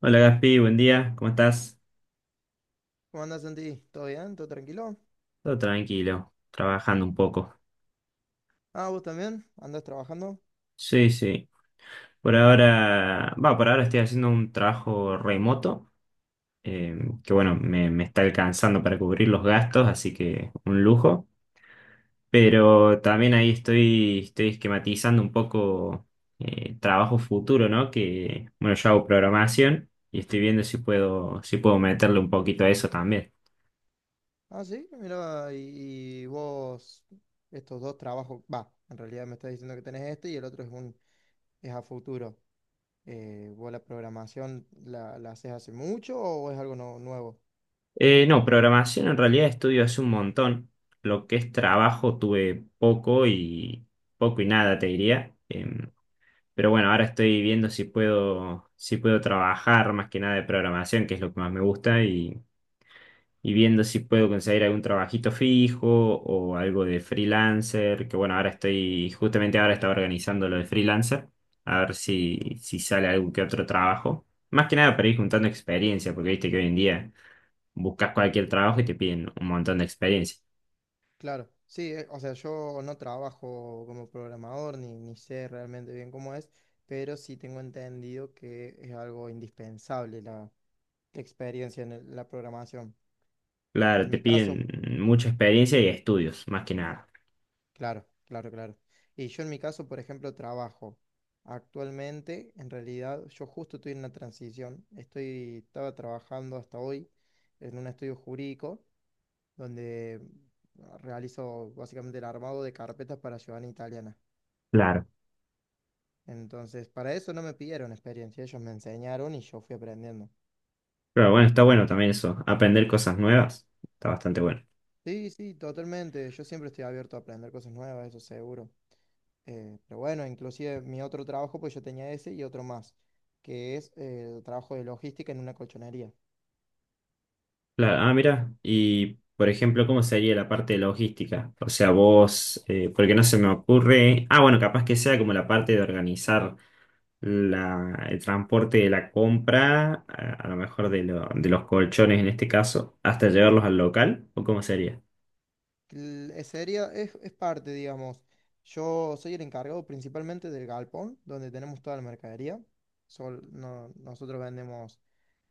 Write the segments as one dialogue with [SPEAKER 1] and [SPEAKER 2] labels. [SPEAKER 1] Hola Gaspi, buen día, ¿cómo estás?
[SPEAKER 2] ¿Cómo andás, Santi? ¿Todo bien? ¿Todo tranquilo?
[SPEAKER 1] Todo tranquilo, trabajando un poco.
[SPEAKER 2] Ah, ¿vos también? ¿Andás trabajando?
[SPEAKER 1] Sí, sí. Por ahora, va, por ahora estoy haciendo un trabajo remoto, eh, que bueno, me está alcanzando para cubrir los gastos, así que un lujo. Pero también ahí estoy esquematizando un poco trabajo futuro, ¿no? Que bueno, yo hago programación y estoy viendo si puedo meterle un poquito a eso también.
[SPEAKER 2] Ah, sí, mira, y vos, estos dos trabajos, va, en realidad me estás diciendo que tenés este y el otro es un, es a futuro. ¿Vos la programación la haces hace mucho o es algo nuevo?
[SPEAKER 1] No, programación en realidad estudio hace un montón. Lo que es trabajo tuve poco y poco y nada, te diría. Pero bueno, ahora estoy viendo si puedo trabajar más que nada de programación, que es lo que más me gusta, y viendo si puedo conseguir algún trabajito fijo o algo de freelancer, que bueno, ahora estoy, justamente ahora estaba organizando lo de freelancer, a ver si, si sale algún que otro trabajo. Más que nada para ir juntando experiencia, porque viste que hoy en día buscas cualquier trabajo y te piden un montón de experiencia.
[SPEAKER 2] Claro, sí, o sea, yo no trabajo como programador ni sé realmente bien cómo es, pero sí tengo entendido que es algo indispensable la, la experiencia en la programación.
[SPEAKER 1] Claro,
[SPEAKER 2] En
[SPEAKER 1] te
[SPEAKER 2] mi caso.
[SPEAKER 1] piden mucha experiencia y estudios, más que nada.
[SPEAKER 2] Claro, claro, claro. Y yo en mi caso, por ejemplo, trabajo. Actualmente, en realidad, yo justo estoy en una transición. Estaba trabajando hasta hoy en un estudio jurídico donde realizo básicamente el armado de carpetas para ciudadanía italiana.
[SPEAKER 1] Claro.
[SPEAKER 2] Entonces, para eso no me pidieron experiencia, ellos me enseñaron y yo fui aprendiendo.
[SPEAKER 1] Pero bueno, está bueno también eso, aprender cosas nuevas, está bastante bueno.
[SPEAKER 2] Sí, sí, totalmente. Yo siempre estoy abierto a aprender cosas nuevas, eso seguro. Pero bueno, inclusive mi otro trabajo, pues yo tenía ese y otro más, que es trabajo de logística en una colchonería.
[SPEAKER 1] Claro, ah, mira, y por ejemplo, ¿cómo sería la parte de logística? O sea, vos, porque no se me ocurre, ah, bueno, capaz que sea como la parte de organizar el transporte de la compra, a lo mejor de los colchones en este caso, hasta llevarlos al local, ¿o cómo sería?
[SPEAKER 2] Es seria, es parte, digamos. Yo soy el encargado principalmente del galpón, donde tenemos toda la mercadería. Nosotros vendemos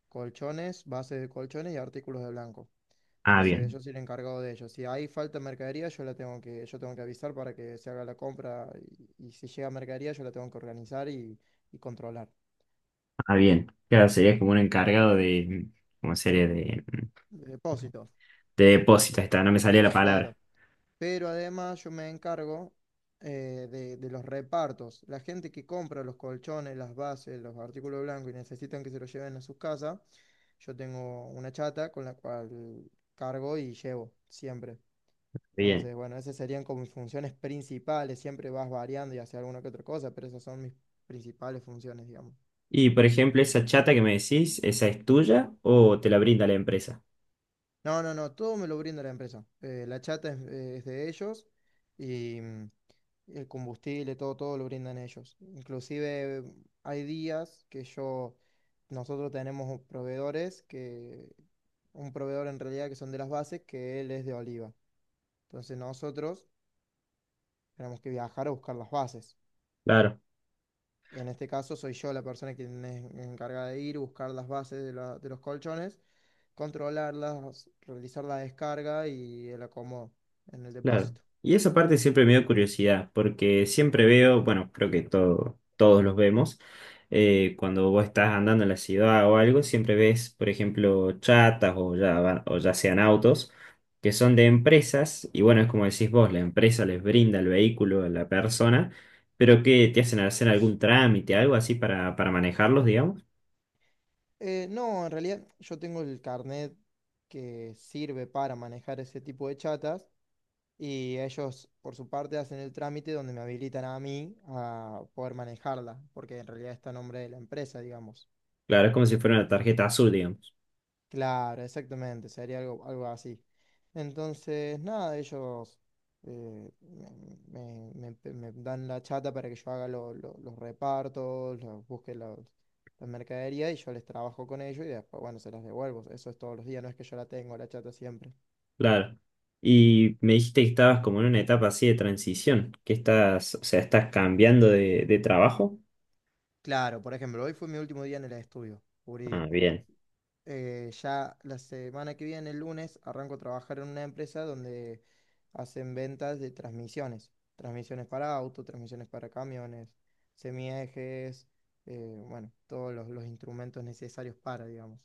[SPEAKER 2] colchones, bases de colchones y artículos de blanco.
[SPEAKER 1] Ah,
[SPEAKER 2] Entonces
[SPEAKER 1] bien.
[SPEAKER 2] yo soy el encargado de ello. Si hay falta de mercadería, yo tengo que avisar para que se haga la compra y si llega mercadería, yo la tengo que organizar y controlar.
[SPEAKER 1] Ah, bien. Claro, sería como un encargado de, como serie
[SPEAKER 2] Depósitos.
[SPEAKER 1] de depósitos, está, no me salía la palabra.
[SPEAKER 2] Claro, pero además yo me encargo de los repartos. La gente que compra los colchones, las bases, los artículos blancos y necesitan que se los lleven a sus casas, yo tengo una chata con la cual cargo y llevo siempre.
[SPEAKER 1] Bien.
[SPEAKER 2] Entonces, bueno, esas serían como mis funciones principales. Siempre vas variando y haces alguna que otra cosa, pero esas son mis principales funciones, digamos.
[SPEAKER 1] Y por ejemplo, esa chata que me decís, ¿esa es tuya o te la brinda la empresa?
[SPEAKER 2] No, no, no, todo me lo brinda la empresa. La chata es de ellos y el combustible, todo, todo lo brindan ellos. Inclusive hay días que yo, nosotros tenemos proveedores que, un proveedor en realidad que son de las bases, que él es de Oliva. Entonces nosotros tenemos que viajar a buscar las bases.
[SPEAKER 1] Claro.
[SPEAKER 2] En este caso soy yo la persona que es encargada de ir, buscar las bases de, de los colchones, controlarlas, realizar la descarga y el acomodo en el
[SPEAKER 1] Claro.
[SPEAKER 2] depósito.
[SPEAKER 1] Y esa parte siempre me dio curiosidad, porque siempre veo, bueno, creo que todos los vemos, cuando vos estás andando en la ciudad o algo, siempre ves, por ejemplo, chatas o o ya sean autos, que son de empresas, y bueno, es como decís vos, la empresa les brinda el vehículo a la persona, pero que te hacen hacer algún trámite, algo así para manejarlos, digamos.
[SPEAKER 2] No, en realidad yo tengo el carnet que sirve para manejar ese tipo de chatas y ellos por su parte hacen el trámite donde me habilitan a mí a poder manejarla, porque en realidad está a nombre de la empresa, digamos.
[SPEAKER 1] Claro, es como si fuera una tarjeta azul, digamos.
[SPEAKER 2] Claro, exactamente, sería algo, algo así. Entonces, nada, ellos eh, me, me dan la chata para que yo haga los repartos, busque la mercadería y yo les trabajo con ellos y después, bueno, se las devuelvo. Eso es todos los días, no es que yo la tengo, la chata siempre.
[SPEAKER 1] Claro. Y me dijiste que estabas como en una etapa así de transición, que estás, o sea, estás cambiando de trabajo.
[SPEAKER 2] Claro, por ejemplo, hoy fue mi último día en el estudio
[SPEAKER 1] Ah,
[SPEAKER 2] jurídico.
[SPEAKER 1] bien,
[SPEAKER 2] Ya la semana que viene, el lunes, arranco a trabajar en una empresa donde hacen ventas de transmisiones. Transmisiones para autos, transmisiones para camiones, semiejes, bueno, todos los instrumentos necesarios para, digamos.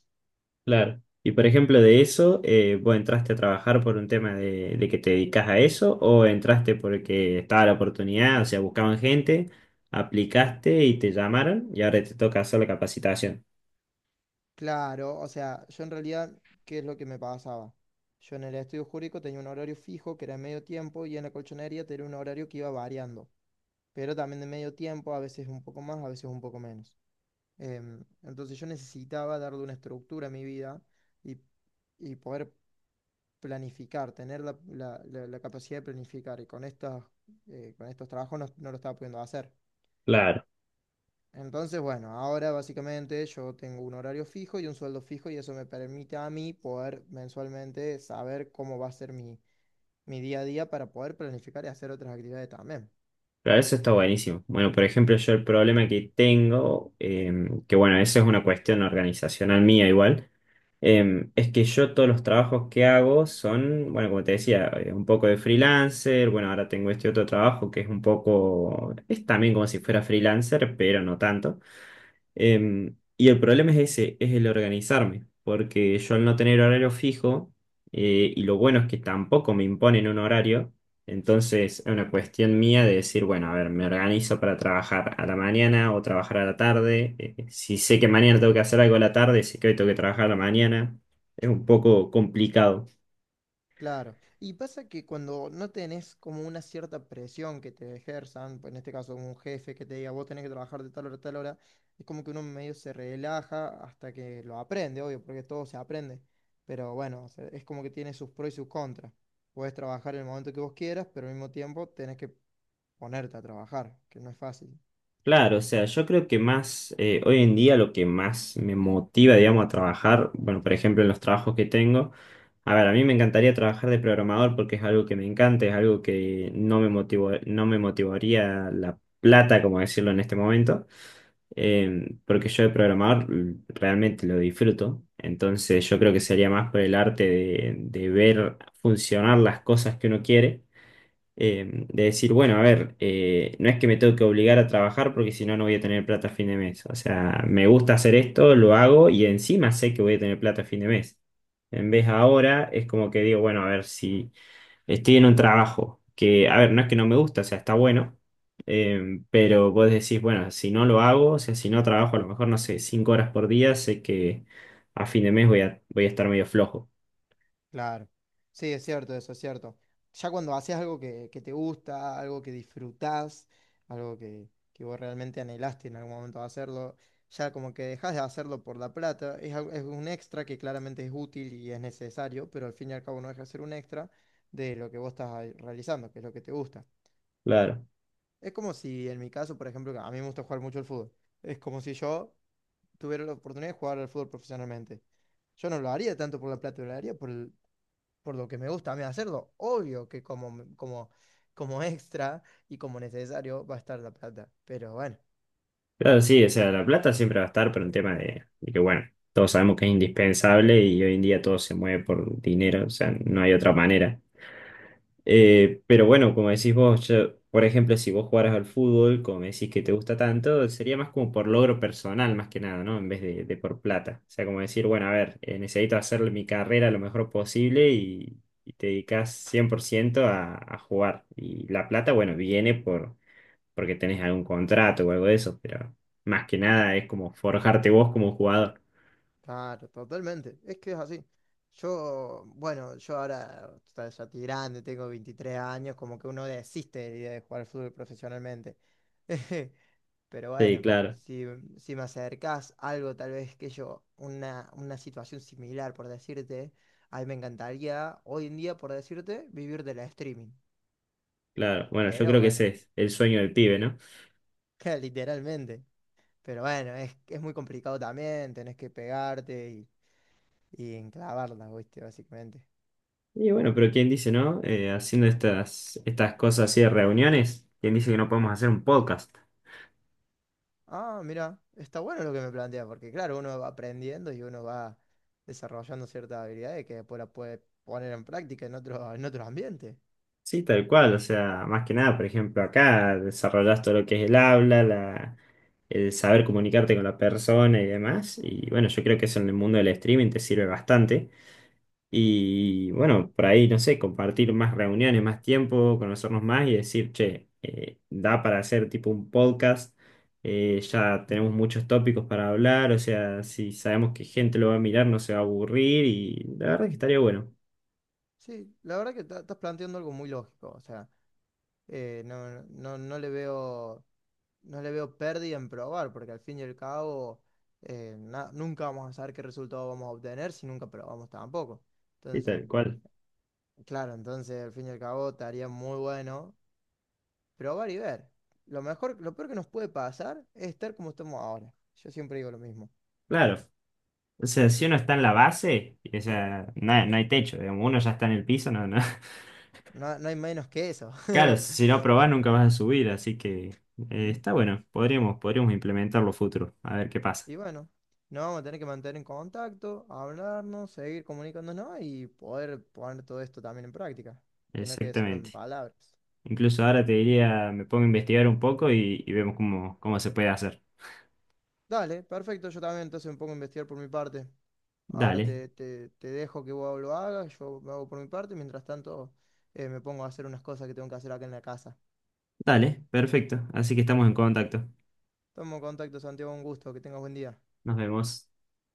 [SPEAKER 1] claro. Y por ejemplo, de eso, ¿vos entraste a trabajar por un tema de que te dedicas a eso o entraste porque estaba la oportunidad, o sea, buscaban gente, aplicaste y te llamaron y ahora te toca hacer la capacitación?
[SPEAKER 2] Claro, o sea, yo en realidad, ¿qué es lo que me pasaba? Yo en el estudio jurídico tenía un horario fijo que era medio tiempo y en la colchonería tenía un horario que iba variando, pero también de medio tiempo, a veces un poco más, a veces un poco menos. Entonces yo necesitaba darle una estructura a mi vida y, y poder planificar, tener la, la capacidad de planificar. Y con con estos trabajos no, no lo estaba pudiendo hacer.
[SPEAKER 1] Claro,
[SPEAKER 2] Entonces, bueno, ahora básicamente yo tengo un horario fijo y un sueldo fijo y eso me permite a mí poder mensualmente saber cómo va a ser mi, mi día a día para poder planificar y hacer otras actividades también.
[SPEAKER 1] claro, eso está buenísimo. Bueno, por ejemplo, yo el problema que tengo, que bueno, eso es una cuestión organizacional mía igual. Es que yo todos los trabajos que hago son, bueno, como te decía, un poco de freelancer, bueno, ahora tengo este otro trabajo que es un poco, es también como si fuera freelancer, pero no tanto. Y el problema es ese, es el organizarme, porque yo al no tener horario fijo, y lo bueno es que tampoco me imponen un horario, entonces es una cuestión mía de decir, bueno, a ver, me organizo para trabajar a la mañana o trabajar a la tarde, si sé que mañana tengo que hacer algo a la tarde, sé que hoy tengo que trabajar a la mañana, es un poco complicado.
[SPEAKER 2] Claro, y pasa que cuando no tenés como una cierta presión que te ejerzan, pues en este caso un jefe que te diga vos tenés que trabajar de tal hora a tal hora, es como que uno medio se relaja hasta que lo aprende, obvio, porque todo se aprende, pero bueno, o sea, es como que tiene sus pros y sus contras. Podés trabajar en el momento que vos quieras, pero al mismo tiempo tenés que ponerte a trabajar, que no es fácil.
[SPEAKER 1] Claro, o sea, yo creo que más, hoy en día lo que más me motiva, digamos, a trabajar, bueno, por ejemplo, en los trabajos que tengo, a ver, a mí me encantaría trabajar de programador porque es algo que me encanta, es algo que no me motivó, no me motivaría la plata, como decirlo en este momento, porque yo de programador realmente lo disfruto, entonces yo creo que sería más por el arte de ver funcionar las cosas que uno quiere de decir, bueno, a ver, no es que me tengo que obligar a trabajar porque si no, no voy a tener plata a fin de mes. O sea, me gusta hacer esto, lo hago y encima sé que voy a tener plata a fin de mes. En vez ahora es como que digo, bueno, a ver, si estoy en un trabajo que, a ver, no es que no me gusta, o sea, está bueno, pero vos decís, bueno, si no lo hago, o sea, si no trabajo a lo mejor, no sé, 5 horas por día, sé que a fin de mes voy a estar medio flojo.
[SPEAKER 2] Claro. Sí, es cierto, eso es cierto. Ya cuando haces algo que te gusta, algo que disfrutás, algo que vos realmente anhelaste en algún momento hacerlo, ya como que dejas de hacerlo por la plata, es un extra que claramente es útil y es necesario, pero al fin y al cabo no deja de ser un extra de lo que vos estás ahí realizando, que es lo que te gusta.
[SPEAKER 1] Claro.
[SPEAKER 2] Es como si en mi caso, por ejemplo, que a mí me gusta jugar mucho el fútbol, es como si yo tuviera la oportunidad de jugar al fútbol profesionalmente. Yo no lo haría tanto por la plata, lo haría por el, por lo que me gusta a mí hacerlo. Obvio que como extra y como necesario va a estar la plata. Pero bueno,
[SPEAKER 1] Claro, sí, o sea, la plata siempre va a estar, pero un tema de que, bueno, todos sabemos que es indispensable y hoy en día todo se mueve por dinero, o sea, no hay otra manera. Pero bueno, como decís vos, yo, por ejemplo, si vos jugaras al fútbol, como me decís que te gusta tanto, sería más como por logro personal, más que nada, ¿no? En vez de por plata. O sea, como decir, bueno, a ver, necesito hacer mi carrera lo mejor posible y te dedicas 100% a jugar. Y la plata, bueno, viene por porque tenés algún contrato o algo de eso, pero más que nada es como forjarte vos como jugador.
[SPEAKER 2] claro, totalmente. Es que es así. Yo, bueno, yo ahora o sea, ya estoy grande, tengo 23 años, como que uno desiste de la idea de jugar fútbol profesionalmente. Pero
[SPEAKER 1] Sí,
[SPEAKER 2] bueno,
[SPEAKER 1] claro,
[SPEAKER 2] si, si me acercás algo, tal vez que yo, una situación similar, por decirte, a mí me encantaría hoy en día, por decirte, vivir de la streaming.
[SPEAKER 1] claro. Bueno, yo
[SPEAKER 2] Pero
[SPEAKER 1] creo que
[SPEAKER 2] bueno.
[SPEAKER 1] ese es el sueño del pibe, ¿no?
[SPEAKER 2] literalmente. Pero bueno, es muy complicado también, tenés que pegarte y enclavarla, ¿viste? Básicamente.
[SPEAKER 1] Y bueno, pero ¿quién dice, no? Haciendo estas cosas así de reuniones, ¿quién dice que no podemos hacer un podcast?
[SPEAKER 2] Ah, mira, está bueno lo que me plantea, porque claro, uno va aprendiendo y uno va desarrollando ciertas habilidades que después las puede poner en práctica en otro ambiente.
[SPEAKER 1] Sí, tal cual, o sea, más que nada, por ejemplo, acá desarrollás todo lo que es el habla, la, el saber comunicarte con la persona y demás. Y bueno, yo creo que eso en el mundo del streaming te sirve bastante. Y bueno, por ahí, no sé, compartir más reuniones, más tiempo, conocernos más y decir, che, da para hacer tipo un podcast, ya tenemos muchos tópicos para hablar, o sea, si sabemos que gente lo va a mirar, no se va a aburrir y la verdad que estaría bueno,
[SPEAKER 2] Sí, la verdad que estás planteando algo muy lógico, o sea, no, no, no le veo no le veo pérdida en probar, porque al fin y al cabo nunca vamos a saber qué resultado vamos a obtener si nunca probamos tampoco.
[SPEAKER 1] sí,
[SPEAKER 2] Entonces,
[SPEAKER 1] tal cual.
[SPEAKER 2] claro, entonces al fin y al cabo estaría muy bueno probar y ver. Lo mejor, lo peor que nos puede pasar es estar como estamos ahora. Yo siempre digo lo mismo.
[SPEAKER 1] Claro, o sea, si uno está en la base, o sea, no, hay no hay techo, digamos, uno ya está en el piso, no, no.
[SPEAKER 2] No, no hay menos que eso.
[SPEAKER 1] Claro, si no probás nunca vas a subir, así que está bueno, podríamos, podríamos implementarlo futuro, a ver qué pasa.
[SPEAKER 2] Y bueno, nos vamos a tener que mantener en contacto, hablarnos, seguir comunicándonos y poder poner todo esto también en práctica, que no quede solo en
[SPEAKER 1] Exactamente.
[SPEAKER 2] palabras.
[SPEAKER 1] Incluso ahora te diría, me pongo a investigar un poco y vemos cómo, cómo se puede hacer.
[SPEAKER 2] Dale, perfecto. Yo también entonces me pongo a investigar por mi parte. Ahora
[SPEAKER 1] Dale,
[SPEAKER 2] te, te dejo que vos lo hagas, yo me hago por mi parte. Mientras tanto, me pongo a hacer unas cosas que tengo que hacer acá en la casa.
[SPEAKER 1] dale, perfecto. Así que estamos en contacto.
[SPEAKER 2] Tomo contacto, Santiago, un gusto, que tengas buen día.
[SPEAKER 1] Nos vemos.